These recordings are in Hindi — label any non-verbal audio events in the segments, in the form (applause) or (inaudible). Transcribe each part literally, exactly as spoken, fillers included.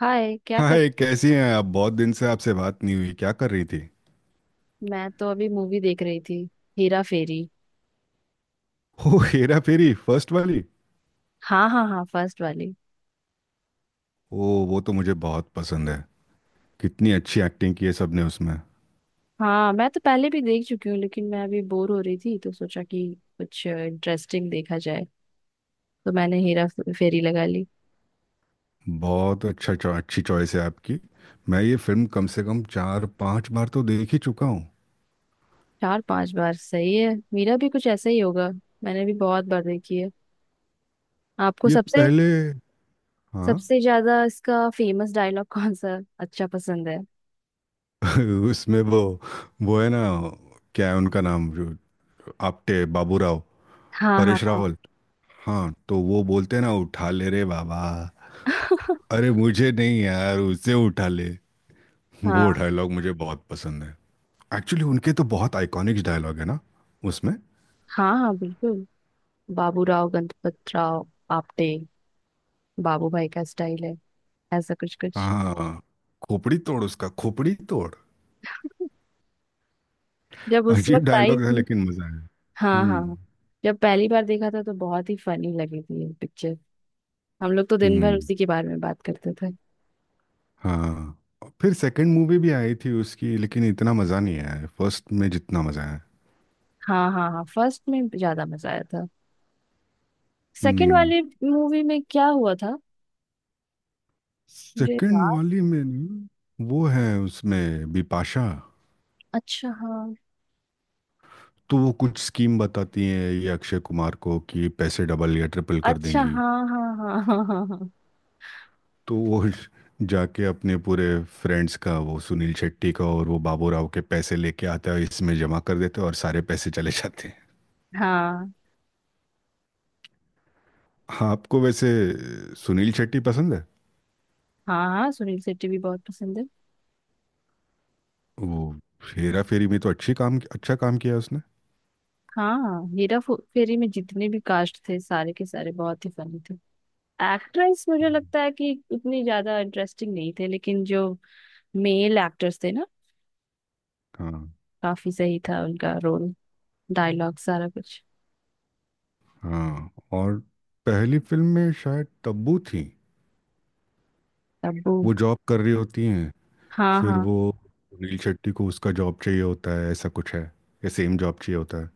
हाय क्या कर। हाय, कैसी हैं आप? बहुत दिन से आपसे बात नहीं हुई। क्या कर रही थी? मैं तो अभी मूवी देख रही थी। हेरा फेरी। (laughs) ओ, हेरा फेरी फर्स्ट वाली। हाँ, हाँ, हाँ, फर्स्ट वाली। ओ वो तो मुझे बहुत पसंद है। कितनी अच्छी एक्टिंग की है सबने उसमें। हाँ, मैं तो पहले भी देख चुकी हूँ, लेकिन मैं अभी बोर हो रही थी तो सोचा कि कुछ इंटरेस्टिंग देखा जाए, तो मैंने हेरा फेरी लगा ली। बहुत अच्छा चॉ- अच्छी चॉइस है आपकी। मैं ये फिल्म कम से कम चार पांच बार तो देख ही चुका हूँ। चार पांच बार सही है, मेरा भी कुछ ऐसा ही होगा। मैंने भी बहुत बार देखी है। आपको ये सबसे पहले। हाँ। सबसे ज्यादा इसका फेमस डायलॉग (laughs) कौन सा अच्छा पसंद है। (laughs) उसमें वो वो है ना, क्या है उनका नाम, जो आपटे बाबू राव, हाँ, हाँ, परेश हाँ। रावल। हाँ, तो वो बोलते हैं ना, उठा ले रे बाबा, (laughs) अरे मुझे नहीं यार उसे उठा ले। वो हाँ, डायलॉग मुझे बहुत पसंद है। एक्चुअली उनके तो बहुत आइकॉनिक डायलॉग है ना उसमें। हाँ, हाँ, बिल्कुल। बाबूराव गणपत राव आपटे, बाबू भाई का स्टाइल है, ऐसा कुछ कुछ। हाँ, खोपड़ी तोड़, उसका खोपड़ी तोड़। जब उस अजीब वक्त आई डायलॉग था थी। लेकिन मजा आया। हाँ, हम्म। हाँ। जब पहली बार देखा था तो बहुत ही फनी लगी थी ये पिक्चर। हम लोग तो दिन भर हम्म। उसी के बारे में बात करते थे। हाँ, फिर सेकंड मूवी भी आई थी उसकी, लेकिन इतना मजा नहीं आया फर्स्ट में जितना मजा आया। हाँ, हाँ, हाँ, फर्स्ट में ज्यादा मजा आया था। सेकंड हम्म। वाली मूवी में क्या हुआ था, मुझे सेकंड याद। वाली में न, वो है उसमें बिपाशा। अच्छा हाँ। तो वो कुछ स्कीम बताती हैं ये अक्षय कुमार को कि पैसे डबल या ट्रिपल कर अच्छा, देंगी। हाँ, हाँ, हाँ, हाँ, हाँ, हाँ, हाँ। तो वो (laughs) जाके अपने पूरे फ्रेंड्स का, वो सुनील शेट्टी का और वो बाबू राव के पैसे लेके आता है, इसमें जमा कर देते हैं और सारे पैसे चले जाते हैं। हाँ, हाँ, आपको वैसे सुनील शेट्टी पसंद है? हाँ, हाँ, सुनील शेट्टी भी बहुत पसंद है। वो हेरा फेरी में तो अच्छी काम अच्छा काम किया उसने। हाँ, हीरा फो- फेरी में जितने भी कास्ट थे, सारे के सारे बहुत ही फनी थे। एक्ट्रेस मुझे हम्म। लगता है कि उतनी ज्यादा इंटरेस्टिंग नहीं थे, लेकिन जो मेल एक्टर्स थे ना, हाँ काफी सही था उनका रोल, डायलॉग, सारा कुछ। हाँ। और पहली फिल्म में शायद तब्बू थी। तब्बू। वो जॉब कर रही होती हैं। हाँ फिर हाँ, वो अनिल शेट्टी को उसका जॉब चाहिए होता है ऐसा कुछ है, या सेम जॉब चाहिए होता है।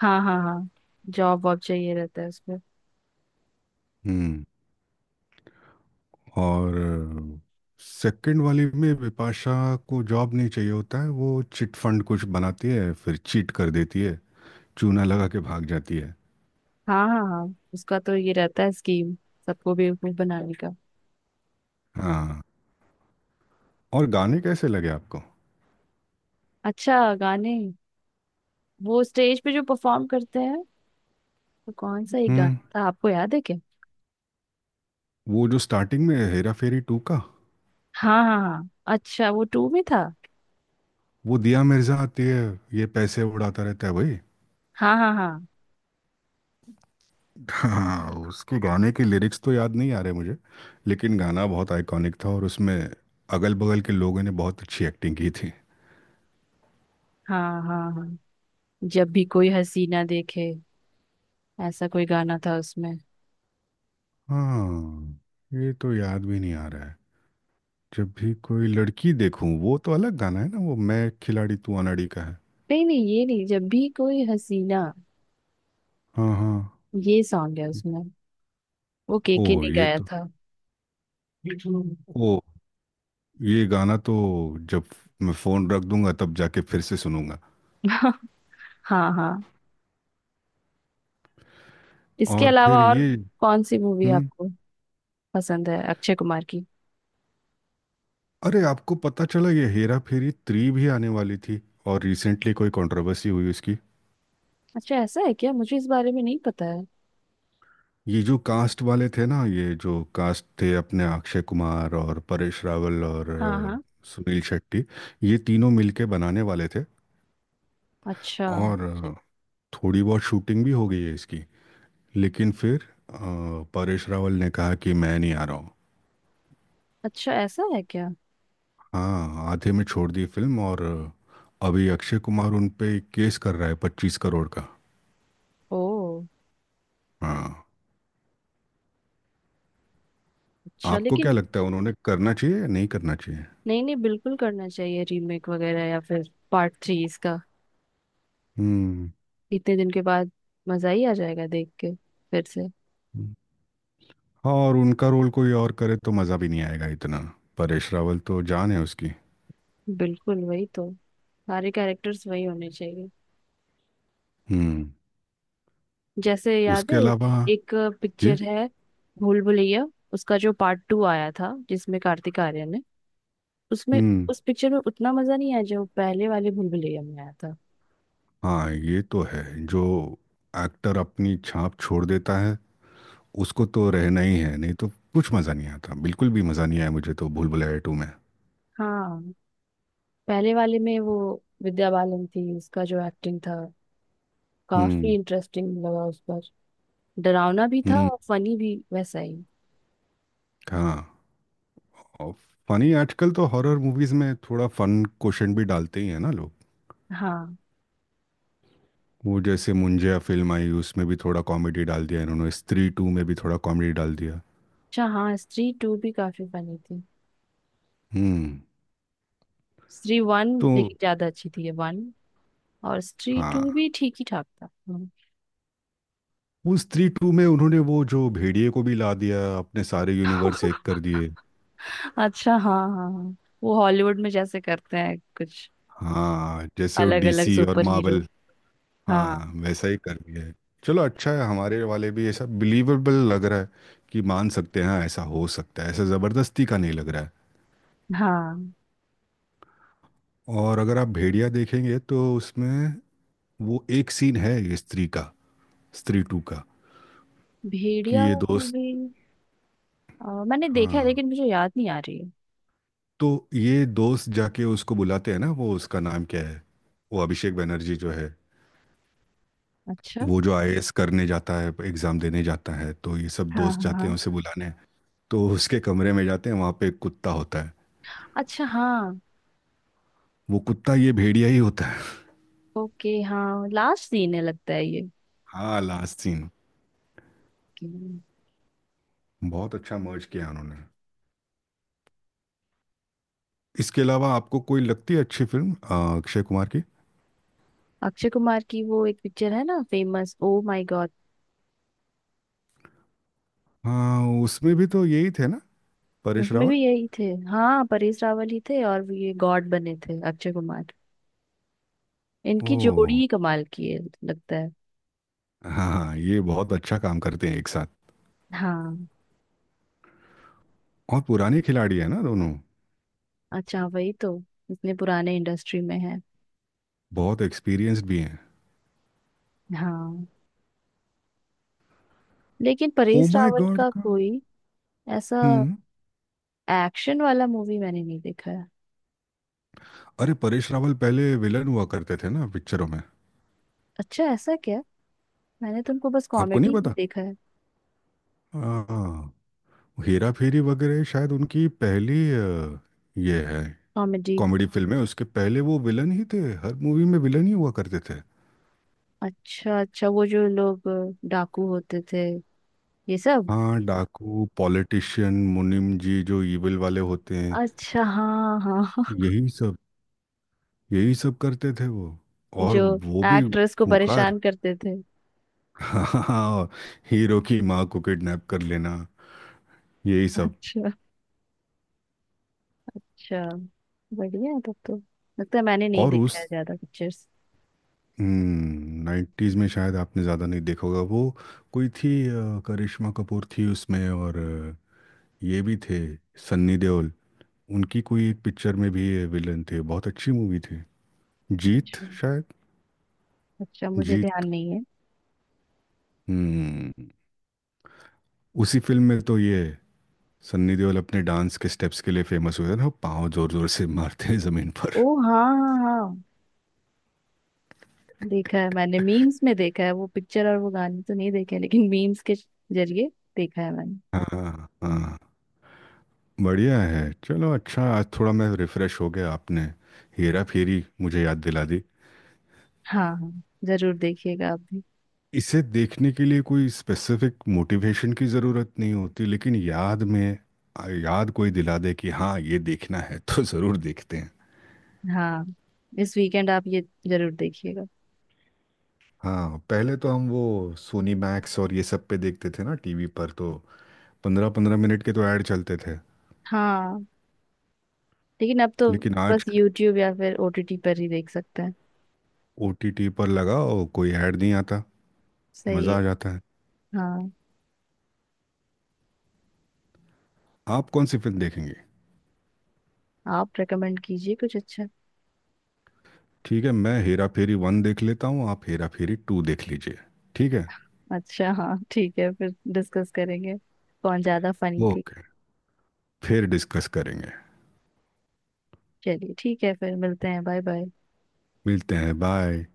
हाँ। हाँ, हाँ। जॉब वॉब चाहिए रहता है उसको। हम्म। और सेकंड वाली में बिपाशा को जॉब नहीं चाहिए होता है, वो चिट फंड कुछ बनाती है फिर चीट कर देती है, चूना लगा के भाग जाती है। हाँ, हाँ, हाँ। उसका तो ये रहता है स्कीम सबको बेवकूफ बनाने का। हाँ। और गाने कैसे लगे आपको? अच्छा गाने। वो स्टेज पे जो परफॉर्म करते हैं, वो कौन सा एक गाना हम्म। था, आपको याद है क्या। वो जो स्टार्टिंग में है, हेरा फेरी टू का, हाँ, हाँ, हाँ। अच्छा, वो टू में था। वो दिया मिर्जा आती है, ये पैसे उड़ाता रहता है भाई। हाँ, हाँ, हाँ, हाँ, उसके गाने के लिरिक्स तो याद नहीं आ रहे मुझे, लेकिन गाना बहुत आइकॉनिक था और उसमें अगल बगल के लोगों ने बहुत अच्छी एक्टिंग की थी। हाँ, हाँ, हाँ। जब भी कोई हसीना देखे, ऐसा कोई गाना था उसमें। हाँ, ये तो याद भी नहीं आ रहा है। जब भी कोई लड़की देखूं, वो तो अलग गाना है ना, वो मैं खिलाड़ी तू अनाड़ी का है। नहीं नहीं, ये नहीं, जब भी कोई हसीना हाँ हाँ। ये सॉन्ग है उसमें। वो केके ओह, ने ये गाया तो, था। (laughs) ओ, ये गाना तो जब मैं फ़ोन रख दूंगा तब जाके फिर से सुनूंगा। हाँ, हाँ। इसके और फिर अलावा और ये। कौन सी मूवी हम्म। आपको पसंद है, अक्षय कुमार की। अरे, आपको पता चला ये हेरा फेरी थ्री भी आने वाली थी? और रिसेंटली कोई कंट्रोवर्सी हुई उसकी। अच्छा ऐसा है क्या, मुझे इस बारे में नहीं पता है। ये जो कास्ट वाले थे ना, ये जो कास्ट थे अपने, अक्षय कुमार और परेश रावल और हाँ, अ, हाँ। सुनील शेट्टी, ये तीनों मिलके बनाने वाले थे। अच्छा। और अ, थोड़ी बहुत शूटिंग भी हो गई है इसकी, लेकिन फिर अ, परेश रावल ने कहा कि मैं नहीं आ रहा हूँ। अच्छा ऐसा है क्या। हाँ, आधे में छोड़ दी फिल्म। और अ, अभी अक्षय कुमार उन पे केस कर रहा है पच्चीस करोड़ का। ओ। हाँ। अच्छा आपको लेकिन, क्या लगता है, उन्होंने करना चाहिए या नहीं करना चाहिए? नहीं नहीं, बिल्कुल करना चाहिए रीमेक वगैरह या फिर पार्ट थ्री इसका, हम्म। इतने दिन के बाद। मजा ही आ जाएगा देख के, फिर से। हम्म। हाँ, और उनका रोल कोई और करे तो मज़ा भी नहीं आएगा इतना। परेश रावल तो जान है उसकी। बिल्कुल, वही तो। सारे कैरेक्टर्स वही होने चाहिए। हम्म। जैसे याद उसके है, अलावा एक ये। पिक्चर है, भूल भुलैया। उसका जो पार्ट टू आया था, जिसमें कार्तिक आर्यन है, उसमें, हम्म। उस पिक्चर में उतना मजा नहीं आया जो पहले वाले भूल भुलैया में आया था। हाँ, ये तो है, जो एक्टर अपनी छाप छोड़ देता है उसको तो रहना ही है, नहीं तो कुछ मज़ा नहीं आता। बिल्कुल भी मज़ा नहीं आया मुझे तो भूल भुलैया टू में। हाँ, पहले वाले में वो विद्या बालन थी, उसका जो एक्टिंग था काफी हम्म। इंटरेस्टिंग लगा उस पर। डरावना भी था हम्म। और फनी भी वैसा ही। हाँ। और फनी, आजकल तो हॉरर मूवीज़ में थोड़ा फन क्वेश्चन भी डालते ही है ना लोग। हाँ। वो जैसे मुंजिया फिल्म आई उसमें भी थोड़ा कॉमेडी डाल दिया, इन्होंने स्त्री टू में भी थोड़ा कॉमेडी डाल दिया। अच्छा हाँ, स्त्री टू भी काफी फनी थी। हम्म। स्त्री वन तो लेकिन ज्यादा अच्छी थी, ये वन और स्त्री हाँ, टू भी ठीक ही ठाक था। हम्म। वो स्त्री टू में उन्होंने वो जो भेड़िए को भी ला दिया, अपने सारे यूनिवर्स एक कर (laughs) दिए। अच्छा, हाँ, हाँ, हाँ। वो हॉलीवुड में जैसे करते हैं कुछ। हाँ, जैसे वो अलग अलग डी सी और सुपर हीरो। मार्वल। हाँ। हाँ, वैसा ही कर दिया है। चलो अच्छा है, हमारे वाले भी ऐसा बिलीवेबल लग रहा है कि मान सकते हैं हाँ, ऐसा हो सकता है, ऐसा ज़बरदस्ती का नहीं लग रहा है। हाँ। और अगर आप भेड़िया देखेंगे तो उसमें वो एक सीन है, ये स्त्री का, स्त्री टू का, भेड़िया कि ये दोस्त, मूवी मैंने देखा है, हाँ, लेकिन मुझे याद नहीं आ रही है। तो ये दोस्त जाके उसको बुलाते हैं ना, वो उसका नाम क्या है, वो अभिषेक बनर्जी जो है, अच्छा, वो जो आई ए एस करने जाता है, एग्जाम देने जाता है, तो ये सब हाँ, दोस्त हाँ, जाते हैं हाँ। उसे बुलाने। तो उसके कमरे में जाते हैं, वहाँ पे एक कुत्ता होता है। अच्छा हाँ। वो कुत्ता ये भेड़िया ही होता है। ओके हाँ, लास्ट सीन है लगता है ये हाँ, लास्ट सीन। कि। बहुत अच्छा मर्ज किया उन्होंने। इसके अलावा आपको कोई लगती है अच्छी फिल्म अ, अक्षय कुमार की? अक्षय कुमार की वो एक पिक्चर है ना फेमस, ओ माय गॉड। हाँ, उसमें भी तो यही थे ना, परेश उसमें रावल। भी यही थे। हाँ, परेश रावल ही थे और ये गॉड बने थे अक्षय कुमार। इनकी जोड़ी ओह। ही कमाल की है लगता है। हाँ हाँ, ये बहुत अच्छा काम करते हैं एक साथ। हाँ। और पुराने खिलाड़ी है ना दोनों। अच्छा, वही तो। इतने पुराने इंडस्ट्री में है। बहुत एक्सपीरियंस्ड भी हैं। हाँ। लेकिन oh Paresh my Rawal God का का। कोई ऐसा हम्म। एक्शन वाला मूवी मैंने नहीं देखा है। अरे, परेश रावल पहले विलन हुआ करते थे ना पिक्चरों में। अच्छा ऐसा क्या। मैंने तुमको बस आपको नहीं कॉमेडी में पता? देखा है। हाँ, हेरा फेरी वगैरह शायद उनकी पहली अ, ये है, कॉमेडी। कॉमेडी फिल्म है, उसके पहले वो विलन ही थे। हर मूवी में विलन ही हुआ करते थे। अच्छा, अच्छा, वो जो लोग अ, डाकू होते थे, ये सब। हाँ, डाकू, पॉलिटिशियन, मुनीम जी, जो इविल वाले होते हैं, अच्छा, हाँ, हाँ। यही सब। यही सब करते थे वो। (laughs) और जो वो भी एक्ट्रेस को खूंखार। परेशान करते थे। हाँ, हीरो की माँ को किडनैप कर लेना, यही सब। अच्छा, अच्छा, बढ़िया है तब तो। लगता है मैंने नहीं और देखा है उस ज्यादा पिक्चर्स। नाइन्टीज में शायद आपने ज़्यादा नहीं देखा होगा, वो कोई थी अ, करिश्मा कपूर थी उसमें और अ, ये भी थे, सन्नी देओल। उनकी कोई एक पिक्चर में भी विलन थे, बहुत अच्छी मूवी थी, जीत शायद। अच्छा, मुझे ध्यान जीत। नहीं है। हम्म। उसी फिल्म में तो ये सन्नी देओल अपने डांस के स्टेप्स के लिए फेमस हुए थे ना, पाँव जोर जोर से मारते हैं जमीन पर। ओ, हाँ, हाँ, हाँ। देखा है मैंने, मीम्स में देखा है वो पिक्चर और वो गाने तो नहीं देखे हैं, लेकिन मीम्स के जरिए देखा है मैंने। हाँ हाँ। बढ़िया है। चलो अच्छा, आज थोड़ा मैं रिफ्रेश हो गया, आपने हेरा फेरी मुझे याद दिला दी। हाँ, हाँ। जरूर देखिएगा आप भी। इसे देखने के लिए कोई स्पेसिफिक मोटिवेशन की ज़रूरत नहीं होती, लेकिन याद में आ, याद कोई दिला दे कि हाँ ये देखना है, तो ज़रूर देखते हैं। हाँ, इस वीकेंड आप ये जरूर देखिएगा। हाँ, पहले तो हम वो सोनी मैक्स और ये सब पे देखते थे ना टी वी पर, तो पंद्रह पंद्रह मिनट के तो ऐड चलते थे। हाँ, लेकिन अब तो लेकिन बस आज यूट्यूब या फिर ओटीटी पर ही देख सकते हैं। ओ टी टी पर लगाओ, कोई ऐड नहीं आता। सही है। मज़ा आ जाता है। हाँ। आप कौन सी फिल्म देखेंगे? आप रेकमेंड कीजिए कुछ अच्छा। ठीक है, मैं हेरा फेरी वन देख लेता हूँ, आप हेरा फेरी टू देख लीजिए। ठीक है। अच्छा हाँ, ठीक है, फिर डिस्कस करेंगे कौन ज्यादा फनी थी। ओके, फिर डिस्कस करेंगे। चलिए ठीक है, फिर मिलते हैं, बाय बाय। मिलते हैं, बाय।